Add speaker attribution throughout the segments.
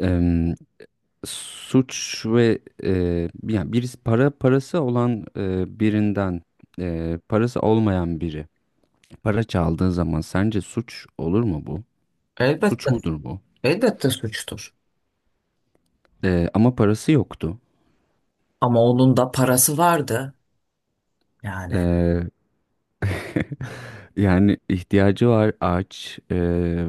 Speaker 1: em, suç ve yani birisi para parası olan e, birinden e, parası olmayan biri para çaldığı zaman sence suç olur mu bu?
Speaker 2: Elbette,
Speaker 1: Suç mudur bu?
Speaker 2: elbette suçtur.
Speaker 1: Ama parası yoktu.
Speaker 2: Ama onun da parası vardı yani.
Speaker 1: E, Yani ihtiyacı var aç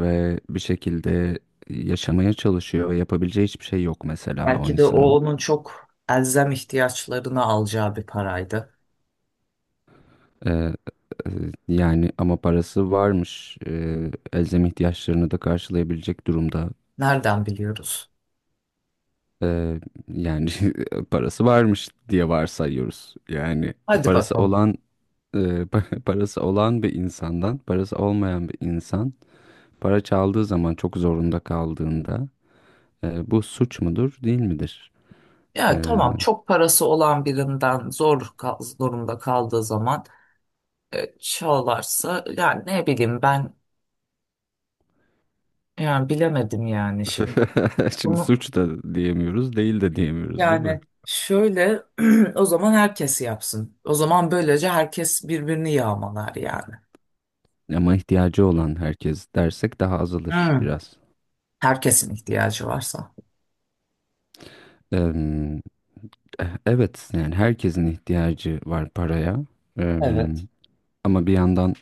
Speaker 1: ve bir şekilde yaşamaya çalışıyor ve yapabileceği hiçbir şey yok mesela o
Speaker 2: Belki de o
Speaker 1: insanın.
Speaker 2: onun çok elzem ihtiyaçlarını alacağı bir paraydı.
Speaker 1: Ee, e, Yani ama parası varmış. Elzem ihtiyaçlarını da karşılayabilecek durumda.
Speaker 2: Nereden biliyoruz?
Speaker 1: Ee, Yani parası varmış diye varsayıyoruz. Yani
Speaker 2: Hadi
Speaker 1: parası
Speaker 2: bakalım.
Speaker 1: olan e, pa- parası olan bir insandan parası olmayan bir insan para çaldığı zaman çok zorunda kaldığında, bu suç mudur değil midir?
Speaker 2: Ya
Speaker 1: Ee,
Speaker 2: tamam çok parası olan birinden zor durumda kaldığı zaman çalarsa yani ne bileyim ben yani bilemedim yani şimdi.
Speaker 1: şimdi
Speaker 2: Bunu
Speaker 1: suç da diyemiyoruz, değil de diyemiyoruz, değil mi?
Speaker 2: yani şöyle o zaman herkes yapsın. O zaman böylece herkes birbirini yağmalar yani.
Speaker 1: Ama ihtiyacı olan herkes dersek daha azalır
Speaker 2: Hmm.
Speaker 1: biraz.
Speaker 2: Herkesin ihtiyacı varsa.
Speaker 1: Em, Evet, yani herkesin ihtiyacı var paraya.
Speaker 2: Evet.
Speaker 1: Em, Ama bir yandan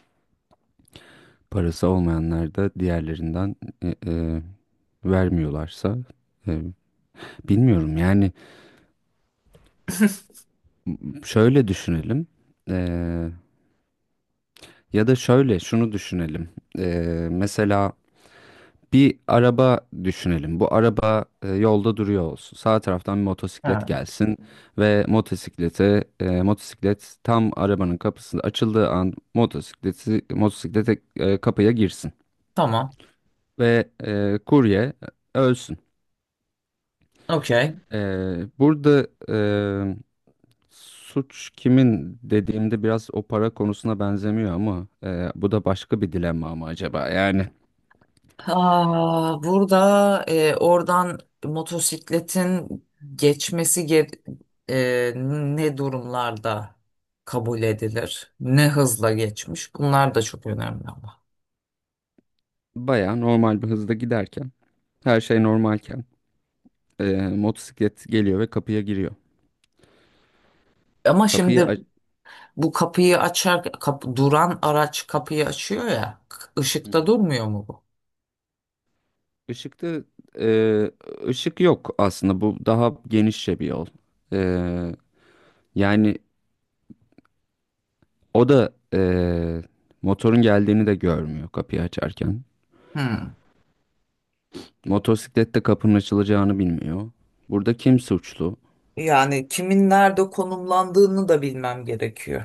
Speaker 1: parası olmayanlar da diğerlerinden e, e, vermiyorlarsa e, bilmiyorum yani. Şöyle düşünelim. E, Ya da şöyle şunu düşünelim. E, Mesela bir araba düşünelim. Bu araba yolda duruyor olsun. Sağ taraftan bir motosiklet
Speaker 2: Ha,
Speaker 1: gelsin ve motosiklet tam arabanın kapısında açıldığı an motosikleti motosiklete e, kapıya girsin
Speaker 2: tamam.
Speaker 1: ve kurye ölsün.
Speaker 2: Okey.
Speaker 1: E, Burada suç kimin dediğimde biraz o para konusuna benzemiyor, ama bu da başka bir dilemma mı acaba? Yani
Speaker 2: Aa, burada oradan motosikletin geçmesi ge- e, ne durumlarda kabul edilir? Ne hızla geçmiş? Bunlar da çok önemli ama.
Speaker 1: bayağı normal bir hızda giderken, her şey normalken, motosiklet geliyor ve kapıya giriyor.
Speaker 2: Ama
Speaker 1: Kapıyı
Speaker 2: şimdi
Speaker 1: aç...
Speaker 2: bu kapıyı açar, duran araç kapıyı açıyor ya.
Speaker 1: Hı hı.
Speaker 2: Işıkta durmuyor mu bu?
Speaker 1: Işıkta e, ışık yok aslında. Bu daha genişçe bir yol. E, Yani o da motorun geldiğini de görmüyor kapıyı açarken.
Speaker 2: Hmm.
Speaker 1: Motosiklet de kapının açılacağını bilmiyor. Burada kim suçlu?
Speaker 2: Yani kimin nerede konumlandığını da bilmem gerekiyor.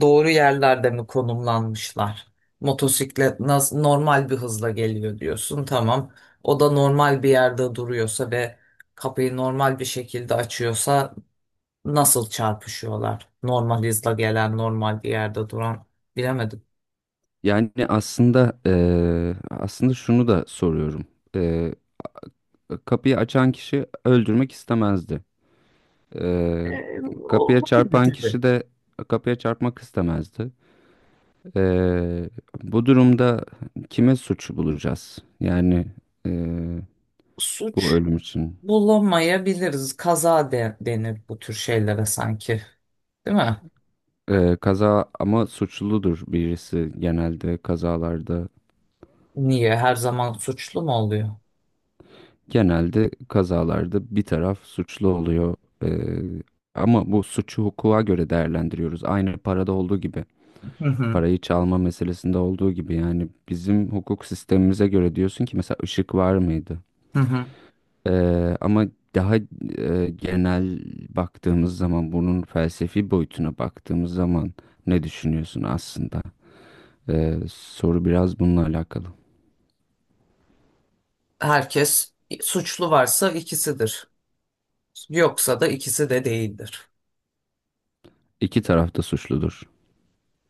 Speaker 2: Doğru yerlerde mi konumlanmışlar? Motosiklet nasıl normal bir hızla geliyor diyorsun. Tamam. O da normal bir yerde duruyorsa ve kapıyı normal bir şekilde açıyorsa nasıl çarpışıyorlar? Normal hızla gelen, normal bir yerde duran bilemedim.
Speaker 1: Yani aslında şunu da soruyorum. E, Kapıyı açan kişi öldürmek istemezdi. Ee,
Speaker 2: E,
Speaker 1: Kapıya
Speaker 2: Olabilir
Speaker 1: çarpan
Speaker 2: tabii.
Speaker 1: kişi de kapıya çarpmak istemezdi. Ee, Bu durumda kime suç bulacağız? Yani ee, bu
Speaker 2: Suç
Speaker 1: ölüm için.
Speaker 2: bulamayabiliriz. Kaza denir bu tür şeylere sanki. Değil mi?
Speaker 1: Kaza ama suçludur birisi genelde kazalarda.
Speaker 2: Niye? Her zaman suçlu mu oluyor?
Speaker 1: Genelde kazalarda bir taraf suçlu oluyor. Ee, Ama bu suçu hukuka göre değerlendiriyoruz. Aynı parada olduğu gibi.
Speaker 2: Hı hı.
Speaker 1: Parayı çalma meselesinde olduğu gibi. Yani bizim hukuk sistemimize göre diyorsun ki mesela ışık var mıydı?
Speaker 2: Hı hı.
Speaker 1: Ama daha genel baktığımız zaman, bunun felsefi boyutuna baktığımız zaman ne düşünüyorsun aslında? Soru biraz bununla alakalı.
Speaker 2: Herkes suçlu varsa ikisidir. Yoksa da ikisi de değildir.
Speaker 1: İki taraf da suçludur.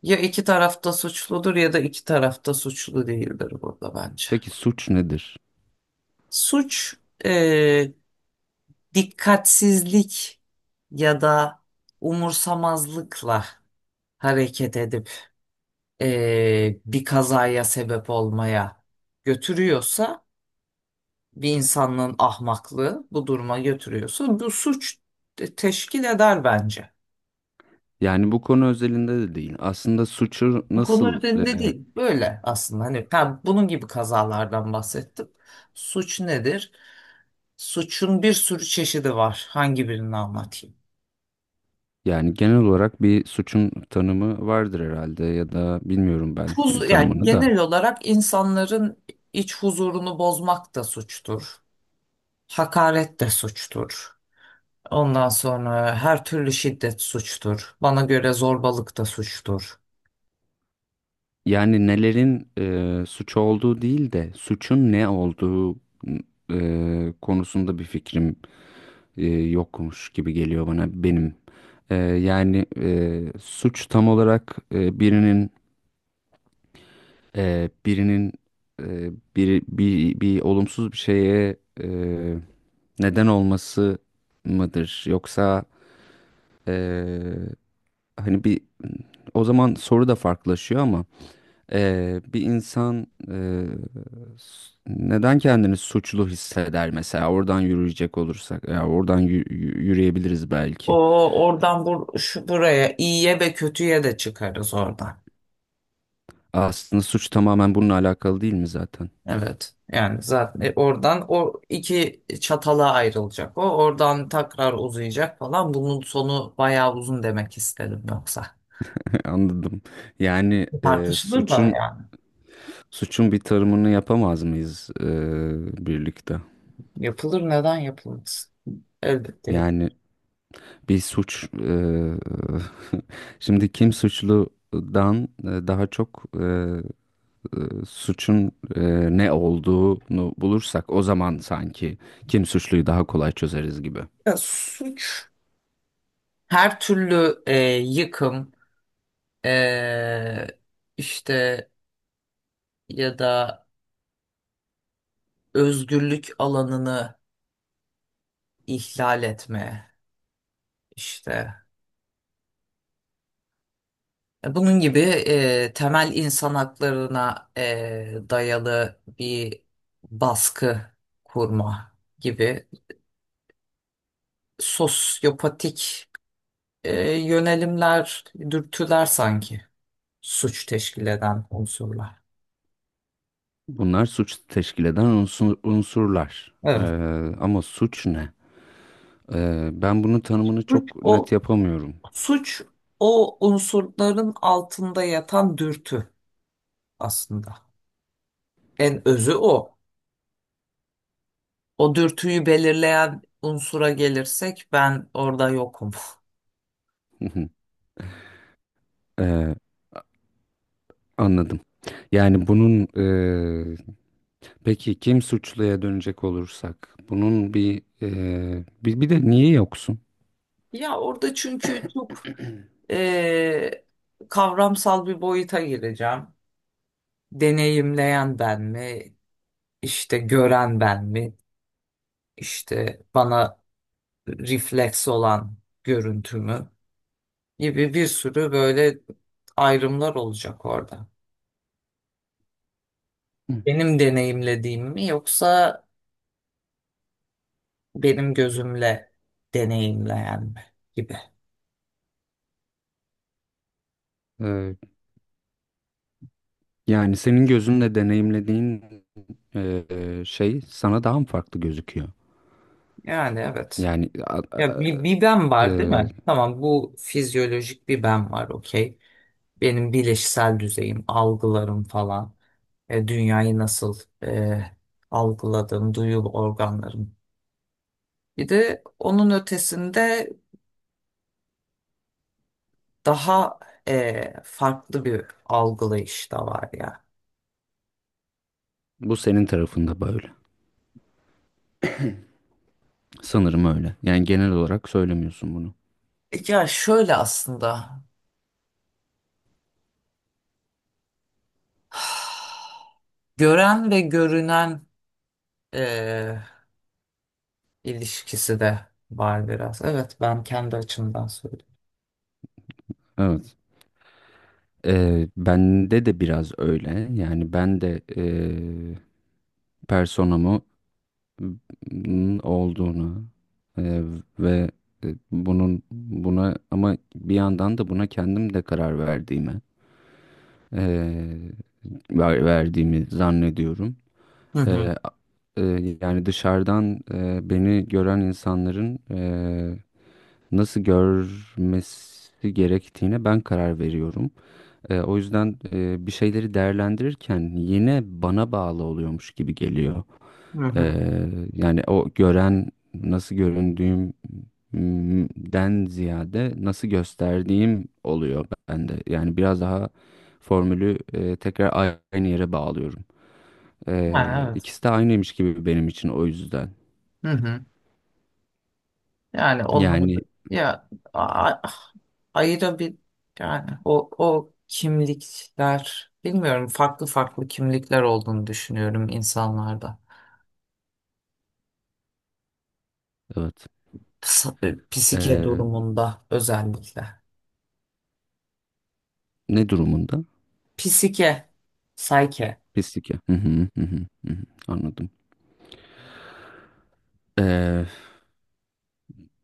Speaker 2: Ya iki tarafta suçludur ya da iki tarafta suçlu değildir burada bence.
Speaker 1: Peki suç nedir?
Speaker 2: Suç e, dikkatsizlik ya da umursamazlıkla hareket edip bir kazaya sebep olmaya götürüyorsa bir insanlığın ahmaklığı bu duruma götürüyorsa bu suç teşkil eder bence.
Speaker 1: Yani bu konu özelinde de değil. Aslında suçu
Speaker 2: Bu konu
Speaker 1: nasıl
Speaker 2: üzerinde
Speaker 1: eee,
Speaker 2: değil. Böyle aslında hani ben bunun gibi kazalardan bahsettim. Suç nedir? Suçun bir sürü çeşidi var. Hangi birini anlatayım?
Speaker 1: yani genel olarak bir suçun tanımı vardır herhalde, ya da bilmiyorum ben
Speaker 2: Huzur, yani
Speaker 1: tanımını da.
Speaker 2: genel olarak insanların iç huzurunu bozmak da suçtur. Hakaret de suçtur. Ondan sonra her türlü şiddet suçtur. Bana göre zorbalık da suçtur.
Speaker 1: Yani nelerin suç olduğu değil de suçun ne olduğu konusunda bir fikrim yokmuş gibi geliyor bana, benim. Yani suç tam olarak birinin e, bir olumsuz bir şeye neden olması mıdır? Yoksa e, hani bir, o zaman soru da farklılaşıyor ama. Bir insan neden kendini suçlu hisseder mesela, oradan yürüyecek olursak, ya yürüyebiliriz
Speaker 2: O
Speaker 1: belki.
Speaker 2: Oradan bur şu buraya iyiye ve kötüye de çıkarız oradan.
Speaker 1: Aslında suç tamamen bununla alakalı değil mi zaten?
Speaker 2: Evet. Yani zaten oradan o iki çatala ayrılacak. O oradan tekrar uzayacak falan. Bunun sonu bayağı uzun demek istedim yoksa.
Speaker 1: Anladım. Yani
Speaker 2: Tartışılır da
Speaker 1: suçun
Speaker 2: yani.
Speaker 1: suçun bir tarımını yapamaz mıyız birlikte?
Speaker 2: Yapılır neden yapılmaz? Elbette yapılır.
Speaker 1: Yani bir suç, şimdi kim suçludan daha çok e, suçun ne olduğunu bulursak, o zaman sanki kim suçluyu daha kolay çözeriz gibi.
Speaker 2: Ya, suç her türlü yıkım e, işte ya da özgürlük alanını ihlal etme işte. Bunun gibi temel insan haklarına dayalı bir baskı kurma gibi sosyopatik yönelimler, dürtüler sanki suç teşkil eden unsurlar.
Speaker 1: Bunlar suç teşkil eden unsurlar.
Speaker 2: Evet.
Speaker 1: Ama suç ne? Ben bunun tanımını
Speaker 2: Suç
Speaker 1: çok
Speaker 2: o
Speaker 1: net yapamıyorum.
Speaker 2: suç o unsurların altında yatan dürtü aslında. En özü o. O dürtüyü belirleyen unsura gelirsek ben orada yokum.
Speaker 1: E, Anladım. Yani bunun e, peki kim suçluya dönecek olursak, bunun bir de niye yoksun?
Speaker 2: Ya orada çünkü çok Ee, kavramsal bir boyuta gireceğim. Deneyimleyen ben mi? İşte gören ben mi? İşte bana refleks olan görüntü mü? Gibi bir sürü böyle ayrımlar olacak orada. Benim deneyimlediğim mi yoksa benim gözümle deneyimleyen mi? Gibi.
Speaker 1: E, Yani senin gözünle deneyimlediğin şey sana daha mı farklı gözüküyor?
Speaker 2: Yani evet.
Speaker 1: Yani
Speaker 2: Ya bir ben var değil
Speaker 1: eee,
Speaker 2: mi? Tamam bu fizyolojik bir ben var okey. Benim bileşsel düzeyim, algılarım falan. Dünyayı nasıl algıladığım, duyu organlarım. Bir de onun ötesinde daha farklı bir algılayış da var ya.
Speaker 1: bu senin tarafında böyle. Sanırım öyle. Yani genel olarak söylemiyorsun bunu.
Speaker 2: Ya şöyle aslında gören ve görünen e, ilişkisi de var biraz. Evet ben kendi açımdan söylüyorum.
Speaker 1: Evet. Bende de biraz öyle. Yani ben de personamı olduğunu eee, ve bunun buna, ama bir yandan da buna kendim de karar eee, verdiğimi zannediyorum.
Speaker 2: Hı hı.
Speaker 1: Eee, a- Yani dışarıdan beni gören insanların nasıl görmesi gerektiğine ben karar veriyorum. O yüzden bir şeyleri değerlendirirken yine bana bağlı oluyormuş gibi geliyor.
Speaker 2: Hı hı.
Speaker 1: Yani o gören nasıl göründüğümden ziyade nasıl gösterdiğim oluyor bende. Yani biraz daha formülü tekrar aynı yere bağlıyorum.
Speaker 2: Yani evet.
Speaker 1: İkisi de aynıymış gibi benim için o yüzden.
Speaker 2: Hı hı. Yani
Speaker 1: Yani
Speaker 2: onları ayrı bir yani o kimlikler bilmiyorum farklı farklı kimlikler olduğunu düşünüyorum insanlarda.
Speaker 1: evet.
Speaker 2: Psike
Speaker 1: Ee,
Speaker 2: durumunda özellikle.
Speaker 1: Ne durumunda?
Speaker 2: Psike. Sayke.
Speaker 1: Pislik ya. Hı hı, hı hı, hı hı. Anladım. Ee,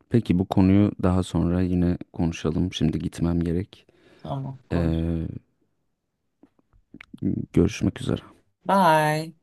Speaker 1: peki bu konuyu daha sonra yine konuşalım. Şimdi gitmem gerek.
Speaker 2: Tamam konuş.
Speaker 1: Ee, Görüşmek üzere.
Speaker 2: Bye.